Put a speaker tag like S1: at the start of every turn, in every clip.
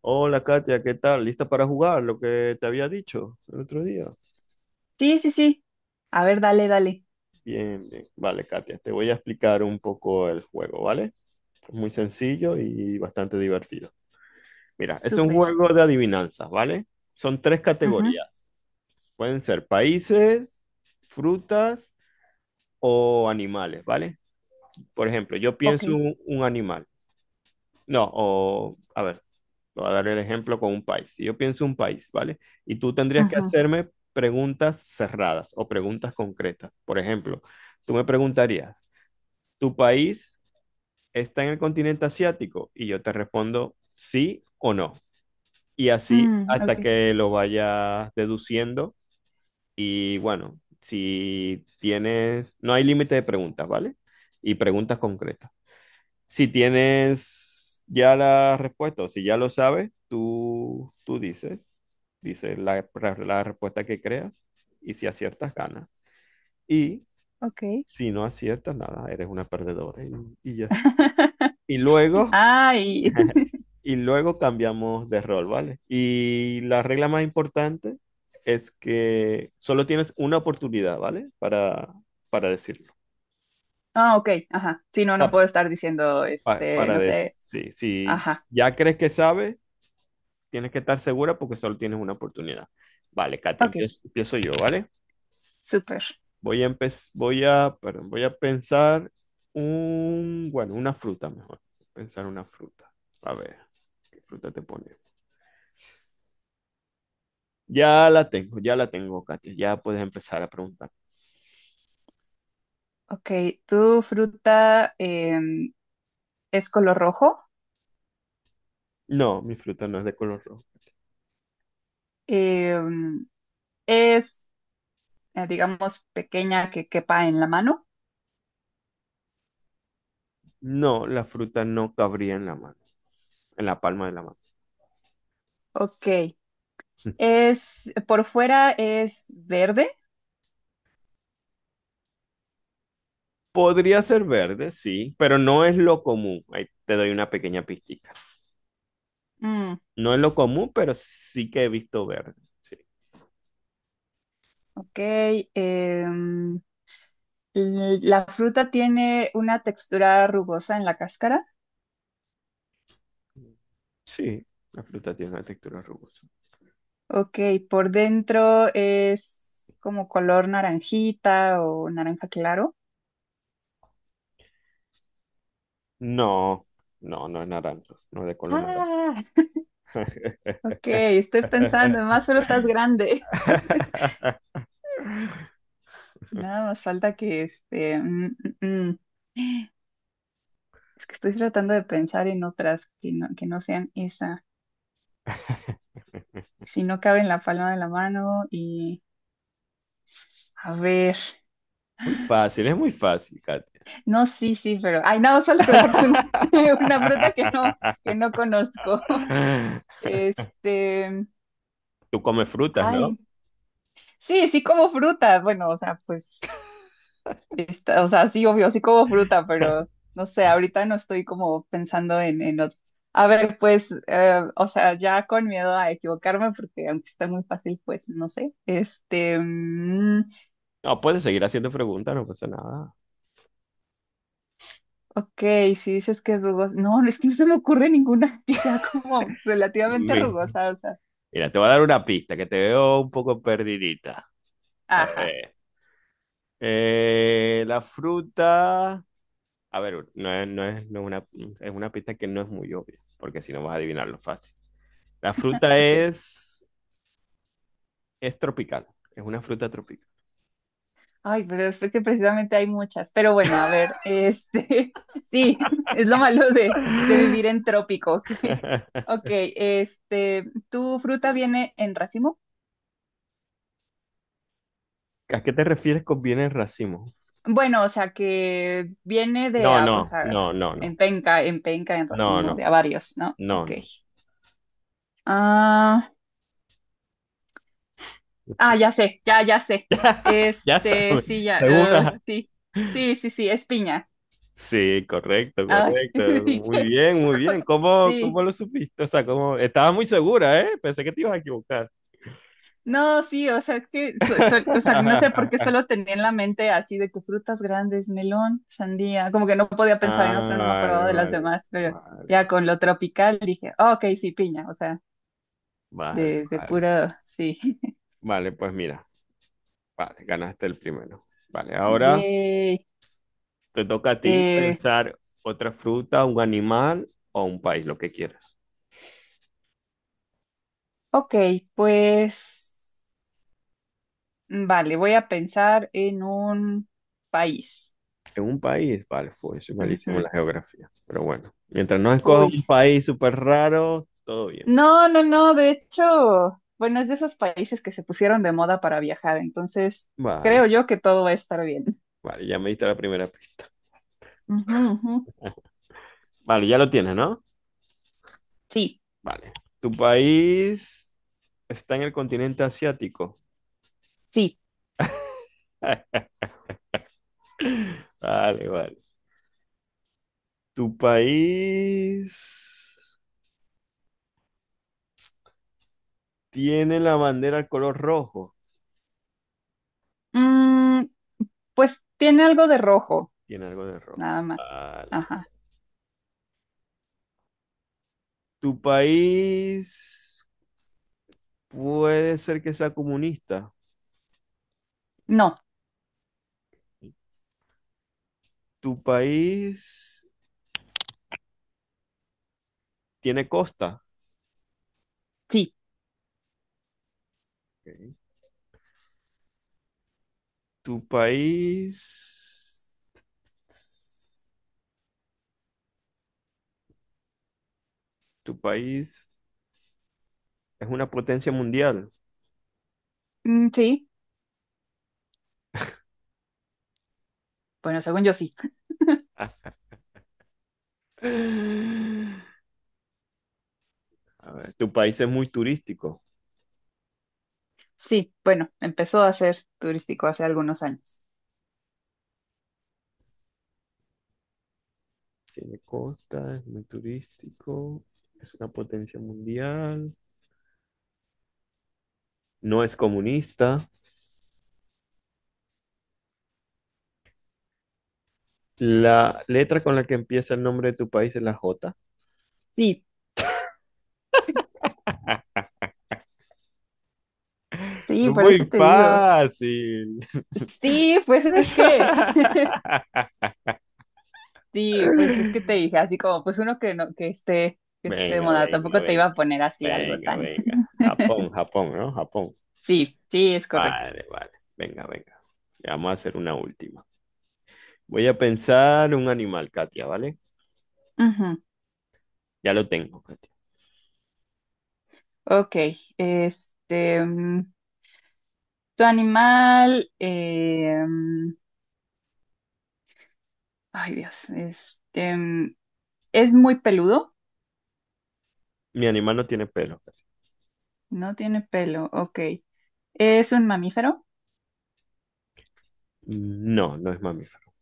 S1: Hola Katia, ¿qué tal? ¿Lista para jugar? Lo que te había dicho el otro día.
S2: Sí, sí, sí. A ver, dale, dale.
S1: Bien. Vale, Katia, te voy a explicar un poco el juego, ¿vale? Es muy sencillo y bastante divertido. Mira, es un
S2: Súper.
S1: juego de adivinanzas, ¿vale? Son tres
S2: Ujú.
S1: categorías. Pueden ser países, frutas o animales, ¿vale? Por ejemplo, yo
S2: Ok.
S1: pienso un animal. No, o a ver, te voy a dar el ejemplo con un país. Si yo pienso un país, ¿vale? Y tú tendrías que
S2: Ujú.
S1: hacerme preguntas cerradas o preguntas concretas. Por ejemplo, tú me preguntarías, ¿tu país está en el continente asiático? Y yo te respondo sí o no. Y así hasta
S2: Ok.
S1: que lo vayas deduciendo. Y bueno, si tienes, no hay límite de preguntas, ¿vale? Y preguntas concretas. Si tienes ya la respuesta o si ya lo sabes, tú dices, dices la respuesta que creas y si aciertas, ganas. Y
S2: Ok.
S1: si no aciertas, nada, eres una perdedora y ya está. Y luego,
S2: Ay.
S1: y luego cambiamos de rol, ¿vale? Y la regla más importante es que solo tienes una oportunidad, ¿vale? Para decirlo.
S2: Ah, ok. Ajá. Sí, no, no
S1: Ah,
S2: puedo estar diciendo, este,
S1: para,
S2: no
S1: decir,
S2: sé.
S1: sí, si
S2: Ajá.
S1: ya crees que sabes, tienes que estar segura porque solo tienes una oportunidad. Vale, Katia,
S2: Ok.
S1: empiezo yo, ¿vale?
S2: Súper.
S1: Voy a, perdón, voy a pensar un, bueno, una fruta mejor. Pensar una fruta. A ver, ¿qué fruta te pone? Ya la tengo, Katia. Ya puedes empezar a preguntar.
S2: Ok. ¿Tu fruta es color rojo?
S1: No, mi fruta no es de color rojo.
S2: Em, es, digamos, pequeña que quepa en la mano.
S1: No, la fruta no cabría en la mano, en la palma de la mano.
S2: Ok. Es, por fuera es verde.
S1: Podría ser verde, sí, pero no es lo común. Ahí te doy una pequeña pista.
S2: Mm,
S1: No es lo común, pero sí que he visto verde. Sí,
S2: Ok, em, la fruta tiene una textura rugosa en la cáscara.
S1: sí, la fruta tiene una textura rugosa.
S2: Ok, por dentro es como color naranjita o naranja claro.
S1: No, no es naranja, no es de color naranja.
S2: Ah, ok, estoy pensando en más frutas grandes. Nada más falta que este... mm, mm. Es que estoy tratando de pensar en otras que no sean esa. Si no cabe en la palma de la mano y, a ver.
S1: Muy fácil, es muy fácil, Katia.
S2: No, sí, sí, pero. Ay, no, solo que me saques una, una fruta que no, que no conozco. Este.
S1: Tú comes frutas, ¿no?
S2: Ay. Sí, sí como fruta. Bueno, o sea, pues. O sea, sí, obvio, sí como fruta, pero no sé, ahorita no estoy como pensando en. A ver, pues, o sea, ya con miedo a equivocarme, porque aunque está muy fácil, pues no sé. Este.
S1: No, puedes seguir haciendo preguntas, no pasa nada.
S2: Ok, si dices que es rugosa. No, es que no se me ocurre ninguna que sea como relativamente
S1: Mi-
S2: rugosa, o sea.
S1: Mira, te voy a dar una pista que te veo un poco perdidita. A
S2: Ajá.
S1: ver. La fruta a ver, no es una, es una pista que no es muy obvia, porque si no vas a adivinarlo fácil. La fruta
S2: Ok.
S1: es tropical, es una fruta tropical.
S2: Ay, pero es que precisamente hay muchas. Pero bueno, a ver, este, sí, es lo malo de vivir en trópico. Ok, este, ¿tu fruta viene en racimo?
S1: ¿A qué te refieres con bienes racimo?
S2: Bueno, o sea, que viene
S1: No,
S2: o
S1: no,
S2: sea,
S1: no, no, no,
S2: en penca, en
S1: no,
S2: racimo, de
S1: no,
S2: a varios, ¿no?
S1: no,
S2: Ok.
S1: no.
S2: Ah, ah, ya sé, ya sé.
S1: Ya
S2: Este,
S1: sabes,
S2: sí, ya, ah,
S1: ¿segura?
S2: sí, sí, sí, sí, es piña.
S1: Sí, correcto,
S2: Ay,
S1: correcto. Muy
S2: dije,
S1: bien, muy bien. ¿Cómo,
S2: sí,
S1: cómo lo supiste? O sea, ¿cómo? Estaba muy segura, ¿eh? Pensé que te ibas a equivocar.
S2: no, sí, o sea, es que, o sea, no sé por qué solo tenía en la mente así de que frutas grandes, melón, sandía, como que no podía pensar
S1: Ah,
S2: en otra, no me acordaba de las demás, pero ya
S1: vale.
S2: con lo tropical dije, "Ah, ok, sí, piña, o sea,
S1: Vale,
S2: de
S1: vale.
S2: puro, sí.
S1: Vale, pues mira, vale, ganaste el primero. Vale, ahora
S2: Yay.
S1: te toca a ti
S2: Eh,
S1: pensar otra fruta, un animal o un país, lo que quieras.
S2: ok, pues, vale, voy a pensar en un país.
S1: En un país, vale, pues soy malísimo
S2: Ujú.
S1: en la geografía. Pero bueno, mientras no escojas
S2: Uy,
S1: un país súper raro, todo bien.
S2: no, no, no, de hecho, bueno, es de esos países que se pusieron de moda para viajar, entonces
S1: Vale,
S2: creo yo que todo va a estar bien.
S1: vale, ya me diste la primera pista.
S2: Ujú, ujú.
S1: Vale, ya lo tienes, ¿no?
S2: Sí,
S1: Vale. ¿Tu país está en el continente asiático?
S2: sí.
S1: Vale, vale. ¿Tu país tiene la bandera color rojo?
S2: Mm, pues tiene algo de rojo,
S1: Tiene algo de rojo.
S2: nada más.
S1: Vale.
S2: Ajá.
S1: Tu país puede ser que sea comunista.
S2: No,
S1: Tu país tiene costa.
S2: sí.
S1: Ok. Tu país. Tu país es una potencia mundial.
S2: Mm, sí. Bueno, según yo sí.
S1: Ah. A ver, tu país es muy turístico.
S2: Sí, bueno, empezó a ser turístico hace algunos años.
S1: Tiene costa, es muy turístico. Es una potencia mundial. No es comunista. La letra con la que empieza el nombre de tu país es la J.
S2: Sí,
S1: Es
S2: sí, por
S1: muy
S2: eso te digo.
S1: fácil.
S2: Sí, pues es que Sí, pues es que te dije así como, pues uno que no, que esté de
S1: Venga,
S2: moda,
S1: venga,
S2: tampoco te iba
S1: venga,
S2: a poner así algo
S1: venga,
S2: tan.
S1: venga. Japón, Japón, ¿no? Japón.
S2: Sí, sí, es correcto.
S1: Vale, vale. Venga, venga. Ya vamos a hacer una última. Voy a pensar un animal, Katia, ¿vale?
S2: Ujú.
S1: Ya lo tengo, Katia.
S2: Ok, este, tu animal, ay Dios, este, es muy peludo,
S1: Mi animal no tiene pelo, Katia.
S2: no tiene pelo, ok. Es un mamífero,
S1: No, no es mamífero.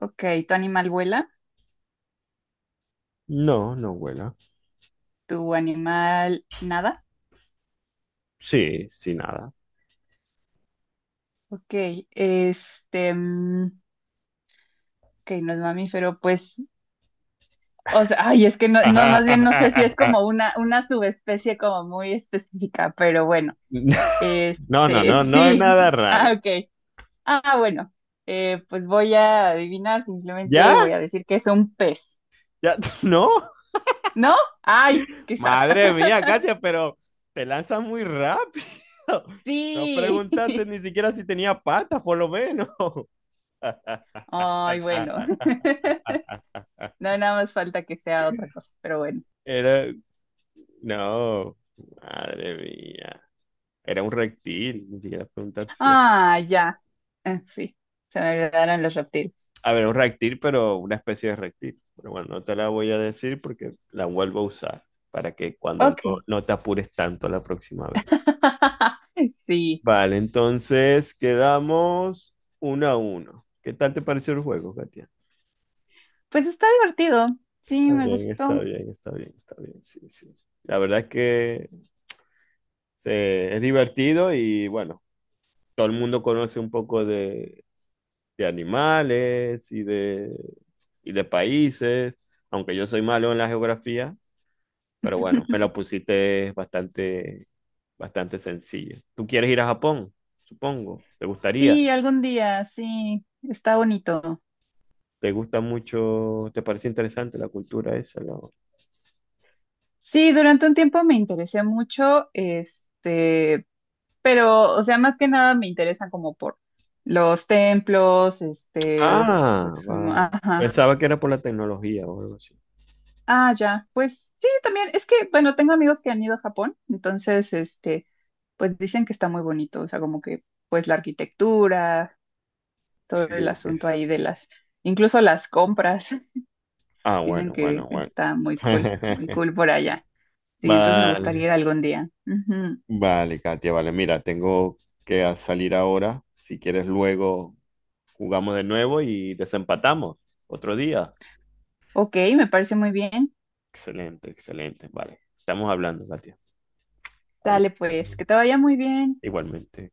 S2: ok. Tu animal vuela,
S1: No, no vuela.
S2: tu animal nada,
S1: Sí, sí, nada.
S2: ok. Este, ok, no es mamífero, pues, o sea, ay, es que no, no, más bien no sé si es como una subespecie como muy específica, pero bueno,
S1: No, no,
S2: este,
S1: no, no es
S2: sí,
S1: nada raro.
S2: ah, ok, ah, bueno, pues voy a adivinar,
S1: ¿Ya?
S2: simplemente voy a decir que es un pez,
S1: ¿Ya? ¿No?
S2: ¿no? Ay, qué sad.
S1: Madre mía, Katia, pero te lanzas muy rápido. No
S2: Sí,
S1: preguntaste ni siquiera si tenía patas, por lo menos.
S2: ay, bueno, no, nada más falta que sea otra cosa, pero bueno,
S1: Era, no, madre mía. Era un reptil, ni siquiera preguntaste si era.
S2: ah, ya, ah, sí, se me olvidaron los reptiles,
S1: A ver, un reptil, pero una especie de reptil. Pero bueno, no te la voy a decir porque la vuelvo a usar para que cuando
S2: ok,
S1: no, no te apures tanto la próxima vez.
S2: sí.
S1: Vale, entonces quedamos uno a uno. ¿Qué tal te pareció el juego, Katia?
S2: Pues está divertido, sí, me gustó.
S1: Está bien, sí, sí. La verdad es que es divertido y bueno, todo el mundo conoce un poco de animales y de países, aunque yo soy malo en la geografía, pero bueno, me lo pusiste bastante sencillo. ¿Tú quieres ir a Japón? Supongo, ¿te gustaría?
S2: Sí, algún día, sí, está bonito.
S1: ¿Te gusta mucho? ¿Te parece interesante la cultura esa? Lo-
S2: Sí, durante un tiempo me interesé mucho, este, pero, o sea, más que nada me interesan como por los templos, este,
S1: Ah,
S2: pues,
S1: va.
S2: ajá.
S1: Pensaba que era por la tecnología o algo así.
S2: Ah, ya, pues sí, también, es que, bueno, tengo amigos que han ido a Japón, entonces, este, pues dicen que está muy bonito, o sea, como que, pues la arquitectura, todo
S1: Sí,
S2: el asunto ahí
S1: sí.
S2: de las, incluso las compras.
S1: Ah,
S2: Dicen que
S1: bueno.
S2: está muy cool, muy cool por allá. Sí, entonces me gustaría
S1: Vale,
S2: ir algún día. Ujú.
S1: vale, Katia, vale. Mira, tengo que salir ahora. Si quieres, luego jugamos de nuevo y desempatamos otro día.
S2: Ok, me parece muy bien.
S1: Excelente, excelente. Vale, estamos hablando, Katia.
S2: Dale
S1: Adiós.
S2: pues, que te vaya muy bien.
S1: Igualmente.